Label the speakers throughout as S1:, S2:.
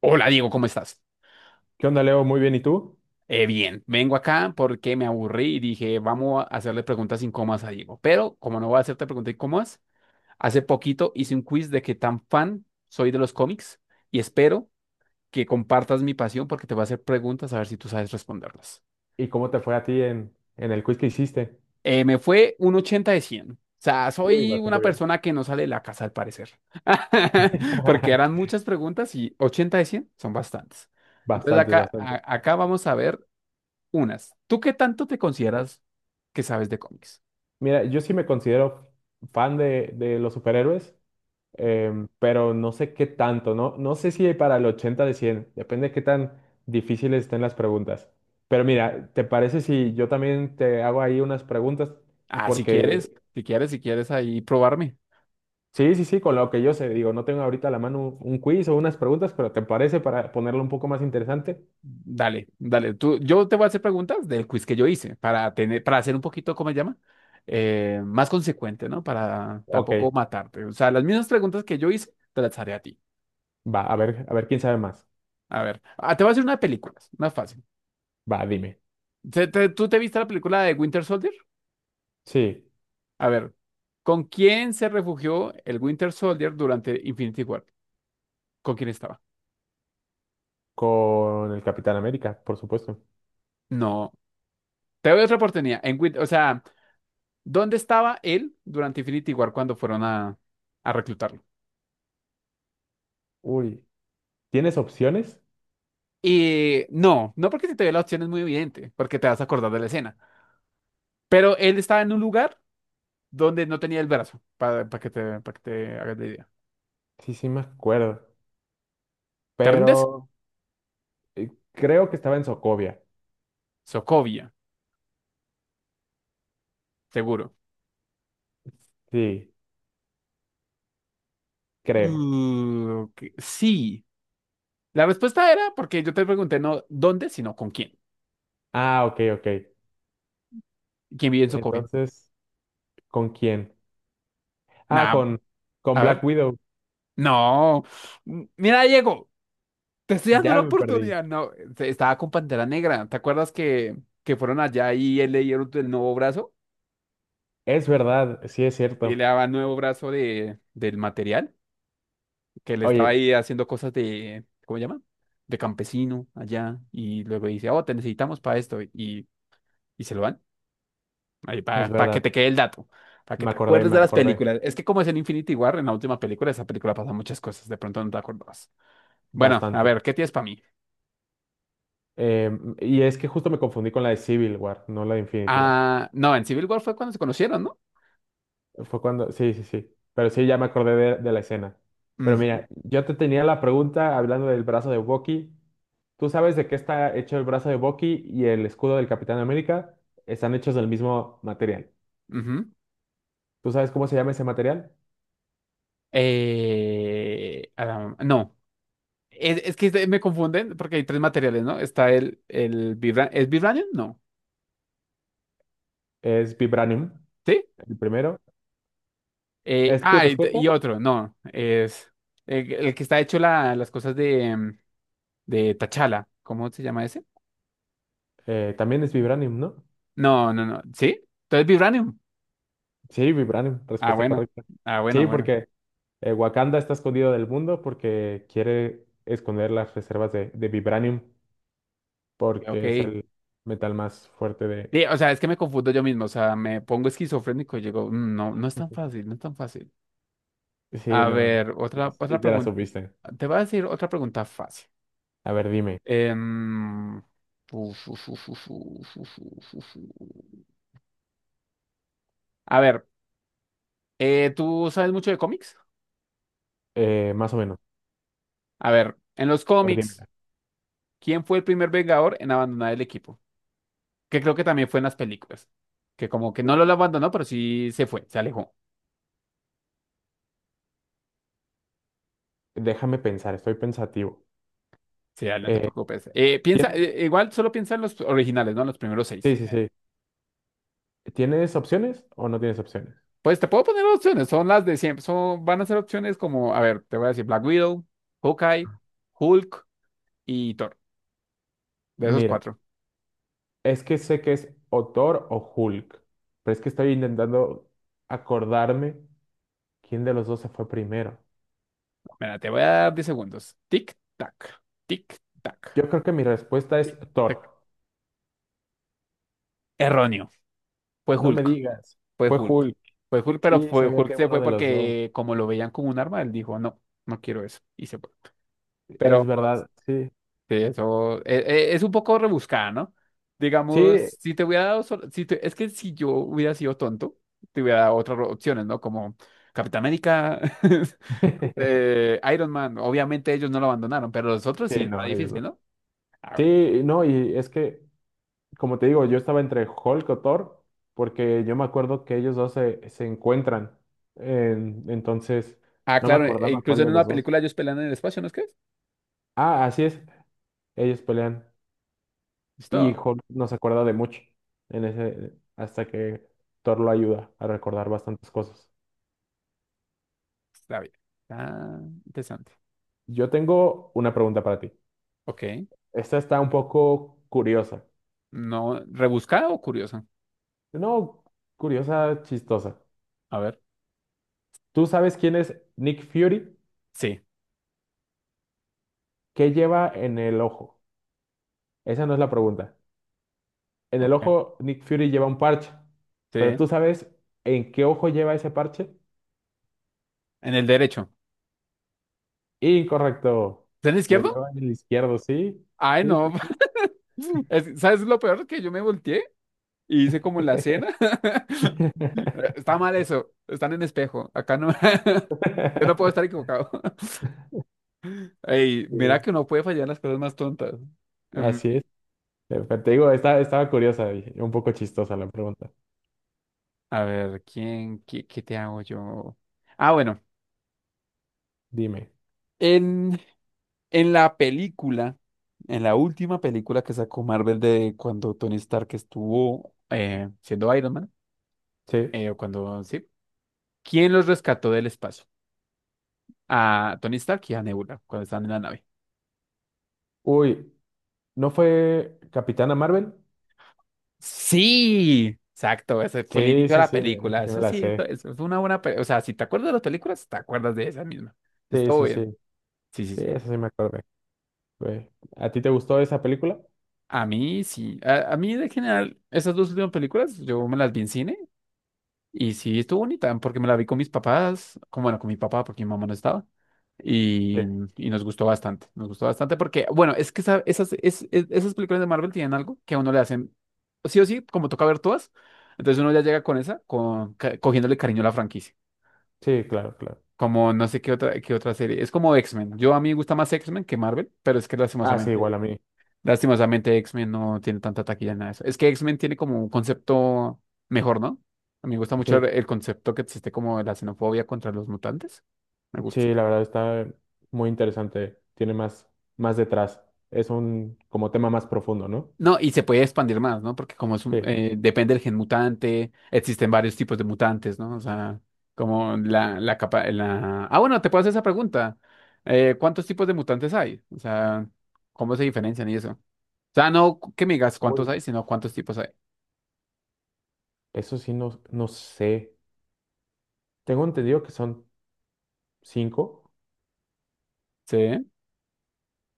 S1: Hola Diego, ¿cómo estás?
S2: ¿Qué onda, Leo? Muy bien, ¿y tú?
S1: Bien, vengo acá porque me aburrí y dije, vamos a hacerle preguntas incómodas a Diego. Pero como no voy a hacerte preguntas incómodas, hace poquito hice un quiz de qué tan fan soy de los cómics y espero que compartas mi pasión porque te voy a hacer preguntas a ver si tú sabes responderlas.
S2: ¿Y cómo te fue a ti en el quiz que hiciste?
S1: Me fue un 80 de 100. O sea,
S2: Uy,
S1: soy una
S2: bastante bien.
S1: persona que no sale de la casa al parecer. Porque eran muchas preguntas y 80 de 100 son bastantes. Entonces
S2: Bastantes,
S1: acá,
S2: bastantes.
S1: acá vamos a ver unas. ¿Tú qué tanto te consideras que sabes de cómics?
S2: Mira, yo sí me considero fan de los superhéroes, pero no sé qué tanto, ¿no? No sé si para el 80 de 100. Depende de qué tan difíciles estén las preguntas. Pero mira, ¿te parece si yo también te hago ahí unas preguntas?
S1: Ah, si
S2: Porque
S1: quieres, si quieres, si quieres ahí probarme.
S2: sí, sí, sí, con lo que yo sé, digo, no tengo ahorita a la mano un quiz o unas preguntas, pero ¿te parece para ponerlo un poco más interesante?
S1: Dale, dale. Tú, yo te voy a hacer preguntas del quiz que yo hice para tener, para hacer un poquito, ¿cómo se llama? Más consecuente, ¿no? Para
S2: Ok.
S1: tampoco matarte. O sea, las mismas preguntas que yo hice, te las haré a ti.
S2: Va, a ver quién sabe más.
S1: A ver, te voy a hacer una de películas, una fácil.
S2: Va, dime.
S1: ¿Tú te viste la película de Winter Soldier?
S2: Sí,
S1: A ver, ¿con quién se refugió el Winter Soldier durante Infinity War? ¿Con quién estaba?
S2: con el Capitán América, por supuesto.
S1: No. Te doy otra oportunidad. O sea, ¿dónde estaba él durante Infinity War cuando fueron a, reclutarlo?
S2: Uy, ¿tienes opciones?
S1: Y no, no porque si te doy la opción es muy evidente, porque te vas a acordar de la escena. Pero él estaba en un lugar donde no tenía el brazo, para que te, para que te hagas la idea.
S2: Sí, sí me acuerdo,
S1: ¿Te rindes?
S2: pero creo que estaba en Socovia.
S1: Sokovia, seguro.
S2: Sí, creo.
S1: Ok, sí. La respuesta era porque yo te pregunté no dónde, sino con quién.
S2: Ah, ok, ok.
S1: ¿Quién vive en Sokovia?
S2: Entonces, ¿con quién? Ah,
S1: Nada,
S2: con
S1: a
S2: Black
S1: ver.
S2: Widow.
S1: No. Mira, Diego. Te estoy dando
S2: Ya
S1: la
S2: me perdí.
S1: oportunidad. No, estaba con Pantera Negra. ¿Te acuerdas que fueron allá y él le dieron el nuevo brazo?
S2: Es verdad, sí es
S1: Y le
S2: cierto.
S1: daba el nuevo brazo de, del material, que le estaba
S2: Oye,
S1: ahí haciendo cosas de, ¿cómo se llama? De campesino allá. Y luego dice, oh, te necesitamos para esto. Y se lo dan. Ahí
S2: es
S1: para que
S2: verdad.
S1: te quede el dato. Para que te acuerdes
S2: Me
S1: de las
S2: acordé
S1: películas. Es que como es en Infinity War, en la última película, esa película pasa muchas cosas. De pronto no te acordabas. Bueno, a
S2: bastante.
S1: ver, ¿qué tienes para mí?
S2: Y es que justo me confundí con la de Civil War, no la de Infinity War.
S1: Ah, no, en Civil War fue cuando se conocieron, ¿no?
S2: Fue cuando, sí, sí, sí. Pero sí, ya me acordé de la escena. Pero
S1: Ujú,
S2: mira, yo te tenía la pregunta hablando del brazo de Bucky. ¿Tú sabes de qué está hecho el brazo de Bucky y el escudo del Capitán América? Están hechos del mismo material.
S1: ujú.
S2: ¿Tú sabes cómo se llama ese material?
S1: No, es que me confunden porque hay tres materiales, ¿no? Está ¿es vibranium? No,
S2: Es vibranium,
S1: ¿sí?
S2: el primero. ¿Es tu
S1: Y,
S2: respuesta?
S1: y otro, no, es el que está hecho las cosas de, de Tachala, ¿cómo se llama ese?
S2: También es vibranium, ¿no?
S1: No, no, no, ¿sí? Entonces vibranium.
S2: Sí, vibranium,
S1: Ah,
S2: respuesta
S1: bueno,
S2: correcta.
S1: ah, bueno,
S2: Sí,
S1: bueno,
S2: porque Wakanda está escondido del mundo porque quiere esconder las reservas de vibranium.
S1: ok.
S2: Porque es el metal más fuerte de...
S1: Sí, o sea, es que me confundo yo mismo, o sea, me pongo esquizofrénico y digo, "Mm, no, no es tan fácil, no es tan fácil.
S2: Sí,
S1: A
S2: no,
S1: ver, otra,
S2: sí,
S1: otra
S2: ya la
S1: pregunta,
S2: supiste.
S1: te voy a decir otra pregunta fácil.
S2: A ver, dime,
S1: Em, uf, uf. A ver, ¿tú sabes mucho de cómics?
S2: más o menos.
S1: A ver, en los
S2: A ver,
S1: cómics,
S2: dímela.
S1: ¿quién fue el primer Vengador en abandonar el equipo? Que creo que también fue en las películas. Que como que no lo
S2: Uy.
S1: abandonó, pero sí se fue, se alejó.
S2: Déjame pensar, estoy pensativo.
S1: Sí, dale, no te
S2: Eh,
S1: preocupes. Piensa,
S2: ¿tiene-
S1: igual solo piensa en los originales, ¿no? Los primeros
S2: Sí,
S1: seis.
S2: sí, sí. ¿Tienes opciones o no tienes opciones?
S1: Pues te puedo poner opciones, son las de siempre. Van a ser opciones como, a ver, te voy a decir Black Widow, Hawkeye, Hulk y Thor. De esos
S2: Mira,
S1: cuatro.
S2: es que sé que es o Thor o Hulk, pero es que estoy intentando acordarme quién de los dos se fue primero.
S1: Mira, te voy a dar 10 segundos. Tic, tac, tic, tac,
S2: Yo creo que mi respuesta
S1: tic,
S2: es
S1: tac.
S2: Thor.
S1: Erróneo. Fue
S2: No me
S1: Hulk.
S2: digas,
S1: Fue
S2: fue
S1: Hulk.
S2: Hulk.
S1: Fue Hulk, pero
S2: Sí,
S1: fue
S2: sabía
S1: Hulk
S2: que
S1: se
S2: uno
S1: fue
S2: de los dos.
S1: porque como lo veían como un arma, él dijo, no, no quiero eso. Y se fue.
S2: Es
S1: Pero
S2: verdad, sí.
S1: sí, eso es un poco rebuscada, ¿no? Digamos,
S2: Sí,
S1: si te hubiera dado, sol- si te- es que si yo hubiera sido tonto, te hubiera dado otras opciones, ¿no? Como Capitán América, Iron Man. Obviamente ellos no lo abandonaron, pero los otros
S2: sí,
S1: sí está
S2: no, ellos
S1: difícil,
S2: no.
S1: ¿no? A ver.
S2: Sí, no, y es que, como te digo, yo estaba entre Hulk o Thor, porque yo me acuerdo que ellos dos se encuentran. Entonces
S1: Ah,
S2: no me
S1: claro, e
S2: acordaba cuál
S1: incluso
S2: de
S1: en
S2: los
S1: una
S2: dos.
S1: película ellos pelean en el espacio, ¿no es que es?
S2: Ah, así es, ellos pelean. Y
S1: Listo.
S2: Hulk no se acuerda de mucho hasta que Thor lo ayuda a recordar bastantes cosas.
S1: Está bien. Está interesante.
S2: Yo tengo una pregunta para ti.
S1: Ok.
S2: Esta está un poco curiosa.
S1: No, ¿rebuscada o curiosa?
S2: No, curiosa, chistosa.
S1: A ver.
S2: ¿Tú sabes quién es Nick Fury?
S1: Sí.
S2: ¿Qué lleva en el ojo? Esa no es la pregunta. En el
S1: Ok.
S2: ojo, Nick Fury lleva un parche,
S1: Sí.
S2: pero
S1: En
S2: ¿tú sabes en qué ojo lleva ese parche?
S1: el derecho.
S2: Incorrecto.
S1: ¿Es en el
S2: Lo
S1: izquierdo?
S2: lleva en el izquierdo, ¿sí?
S1: Ay,
S2: Sí,
S1: no.
S2: sí, sí.
S1: ¿Sabes lo peor? Que yo me volteé y hice como en la cena. Está mal eso. Están en espejo. Acá no. Yo no puedo estar equivocado. Ey, mira
S2: Sí.
S1: que uno puede fallar las cosas más tontas.
S2: Así
S1: Em,
S2: es. Pero te digo, estaba curiosa y un poco chistosa la pregunta.
S1: a ver, ¿quién? ¿Qué te hago yo? Ah, bueno.
S2: Dime.
S1: En, en la película, en la última película que sacó Marvel de cuando Tony Stark estuvo siendo Iron Man,
S2: Sí.
S1: eh, o cuando sí, ¿quién los rescató del espacio? A Tony Stark y a Nebula cuando estaban en la nave.
S2: Uy, ¿no fue Capitana Marvel?
S1: Sí, exacto, ese fue el
S2: Sí,
S1: inicio de
S2: sí,
S1: la
S2: sí, mira, esa
S1: película.
S2: sí me
S1: Eso
S2: la
S1: sí, eso,
S2: sé.
S1: eso es una buena, o sea, si te acuerdas de las películas, te acuerdas de esa misma.
S2: Sí,
S1: Estuvo
S2: sí, sí.
S1: bien. Sí, sí,
S2: Sí,
S1: sí.
S2: esa sí me acordé. Güey. ¿A ti te gustó esa película?
S1: A mí sí, a mí de general, esas dos últimas películas, yo me las vi en cine y sí, estuvo bonita porque me la vi con mis papás, como bueno, con mi papá porque mi mamá no estaba.
S2: Sí,
S1: Y, y nos gustó bastante porque, bueno, es que esas películas de Marvel tienen algo que a uno le hacen, sí o sí, como toca ver todas, entonces uno ya llega con esa, cogiéndole cariño a la franquicia,
S2: sí, claro, claro.
S1: como no sé qué otra, serie, es como X-Men, yo a mí me gusta más X-Men que Marvel, pero es que sí.
S2: Ah, sí, igual
S1: lastimosamente
S2: a mí.
S1: Lastimosamente, X-Men no tiene tanta taquilla en nada de eso. Es que X-Men tiene como un concepto mejor, ¿no? A mí me gusta mucho
S2: Sí,
S1: el concepto que existe como de la xenofobia contra los mutantes. Me gusta.
S2: sí, la verdad está muy interesante. Tiene más, más detrás. Es un como tema más profundo, ¿no?
S1: No, y se puede expandir más, ¿no? Porque como es
S2: Sí.
S1: depende del gen mutante, existen varios tipos de mutantes, ¿no? O sea, como la capa, la... Ah, bueno, te puedo hacer esa pregunta. ¿Cuántos tipos de mutantes hay? O sea, ¿cómo se diferencian y eso? O sea, no que me digas cuántos
S2: Uy,
S1: hay, sino cuántos tipos hay.
S2: eso sí no, no sé. Tengo entendido que son cinco.
S1: Sí.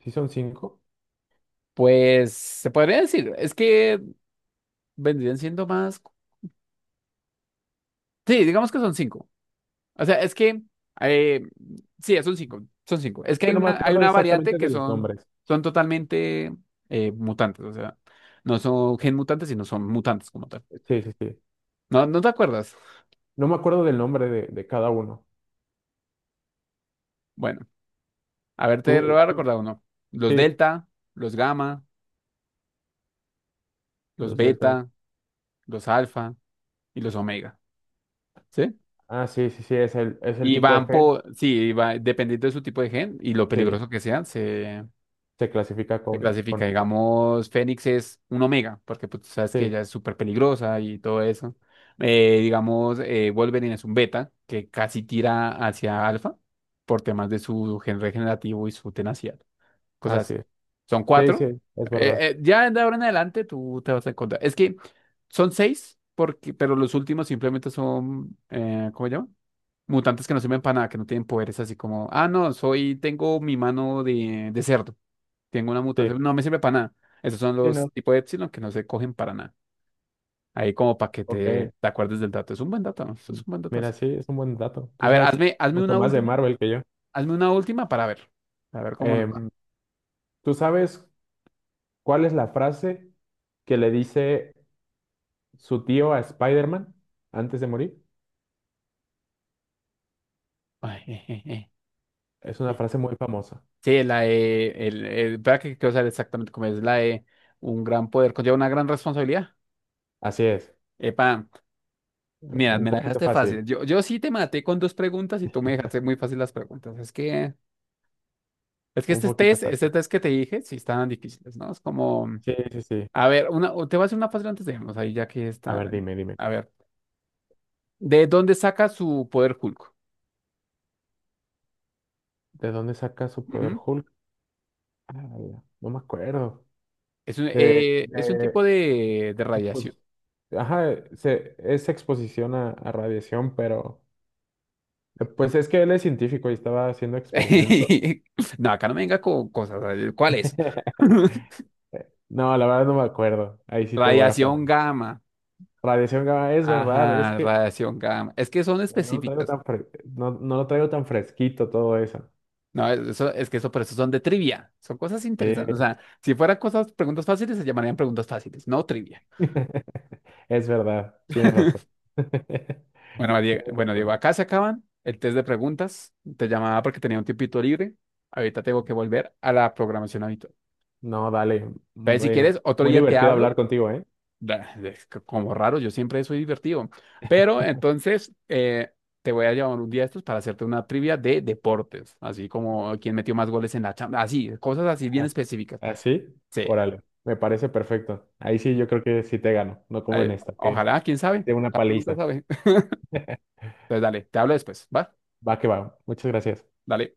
S2: Sí, son cinco.
S1: Pues se podría decir, es que vendrían siendo más. Sí, digamos que son cinco. O sea, es que eh, sí, son cinco. Son cinco. Es que
S2: Que no me
S1: hay
S2: acuerdo
S1: una variante
S2: exactamente
S1: que
S2: de los nombres.
S1: son totalmente mutantes. O sea, no son gen mutantes, sino son mutantes como tal.
S2: Sí, sí, sí.
S1: ¿No te acuerdas?
S2: No me acuerdo del nombre de cada uno.
S1: Bueno, a ver, te lo
S2: Tú,
S1: voy a
S2: tú-
S1: recordar uno. Los
S2: sí,
S1: delta, los gamma, los
S2: los delta.
S1: beta, los alfa y los omega. ¿Sí?
S2: Ah, sí, sí, sí, es el,
S1: Y
S2: tipo de
S1: van
S2: gen.
S1: por, sí, va, dependiendo de su tipo de gen y lo
S2: Sí,
S1: peligroso que sean, se.
S2: se clasifica
S1: Se
S2: con
S1: clasifica.
S2: esto.
S1: Digamos, Fénix es un Omega, porque pues, tú sabes que
S2: Sí,
S1: ella es súper peligrosa y todo eso. Digamos, Wolverine es un Beta, que casi tira hacia Alfa por temas de su gen regenerativo y su tenacidad. Cosas
S2: así
S1: así.
S2: es.
S1: Son
S2: Sí,
S1: cuatro.
S2: sí, es verdad.
S1: Ya de ahora en adelante tú te vas a encontrar. Es que son seis, porque, pero los últimos simplemente ¿cómo se llama? Mutantes que no sirven para nada, que no tienen poderes así como, no, tengo mi mano de cerdo. Tengo una
S2: Sí,
S1: mutación, no me sirve para nada. Esos son
S2: sí,
S1: los
S2: no.
S1: tipos de epsilon que no se cogen para nada. Ahí como para que te,
S2: Ok.
S1: te acuerdes del dato. Es un buen dato, ¿no? Eso es
S2: Mm,
S1: un buen
S2: mira,
S1: datazo.
S2: sí, es un buen dato.
S1: A
S2: Tú
S1: ver,
S2: sabes
S1: hazme
S2: mucho
S1: una
S2: más de
S1: última.
S2: Marvel que yo.
S1: Hazme una última para ver. A ver cómo nos va.
S2: Em, ¿tú sabes cuál es la frase que le dice su tío a Spider-Man antes de morir?
S1: Ay,
S2: Es una
S1: eh.
S2: frase muy famosa.
S1: Sí, la de... espera que quiero saber exactamente cómo es. La de un gran poder conlleva una gran responsabilidad.
S2: Así es.
S1: Epa, mira,
S2: Un
S1: me la
S2: poquito
S1: dejaste
S2: fácil.
S1: fácil. Yo sí te maté con dos preguntas y tú me dejaste muy fácil las preguntas. Es que
S2: Un
S1: este
S2: poquito
S1: test, este
S2: fácil.
S1: test que te dije, sí estaban difíciles, ¿no? Es como...
S2: Sí, sí, sí.
S1: A ver, o te voy a hacer una fácil antes de irnos, ahí ya que
S2: A ver,
S1: está.
S2: dime, dime.
S1: A ver, ¿de dónde saca su poder Hulk?
S2: ¿De dónde saca su poder
S1: Ujú.
S2: Hulk? Ah, no me acuerdo.
S1: Es un,
S2: De,
S1: eh, es un
S2: de
S1: tipo de radiación.
S2: exposi- Ajá, es exposición a radiación, pero pues es que él es científico y estaba haciendo experimentos.
S1: No, acá no me venga con cosas. ¿Cuál es?
S2: No, la verdad no me acuerdo. Ahí sí te voy a fallar.
S1: Radiación gamma.
S2: Radiación gamma, es verdad, es
S1: Ajá,
S2: que
S1: radiación gamma. Es que son
S2: no lo traigo
S1: específicas.
S2: tan, no, no lo traigo tan fresquito todo eso.
S1: No, eso, es que eso, por eso son de trivia. Son cosas interesantes. O
S2: Eh,
S1: sea, si fueran preguntas fáciles, se llamarían preguntas fáciles, no trivia.
S2: es verdad, tienes razón.
S1: Bueno,
S2: Tienes
S1: Diego,
S2: razón.
S1: acá se acaban el test de preguntas. Te llamaba porque tenía un tiempito libre. Ahorita tengo que volver a la programación habitual.
S2: No, dale.
S1: Entonces, si
S2: Muy,
S1: quieres, otro
S2: muy
S1: día te
S2: divertido hablar
S1: hablo.
S2: contigo, ¿eh?
S1: Es que como raro, yo siempre soy divertido. Pero entonces, te voy a llamar un día de estos para hacerte una trivia de deportes. Así como quién metió más goles en la chamba. Así, cosas así bien
S2: ¿Ah?
S1: específicas.
S2: ¿Así?
S1: Sí.
S2: Órale, me parece perfecto. Ahí sí yo creo que sí te gano, no como en esta, que
S1: Ojalá, quién sabe.
S2: de una
S1: Uno nunca
S2: paliza.
S1: sabe. Entonces, dale, te hablo después. ¿Va?
S2: Va que va. Muchas gracias.
S1: Dale.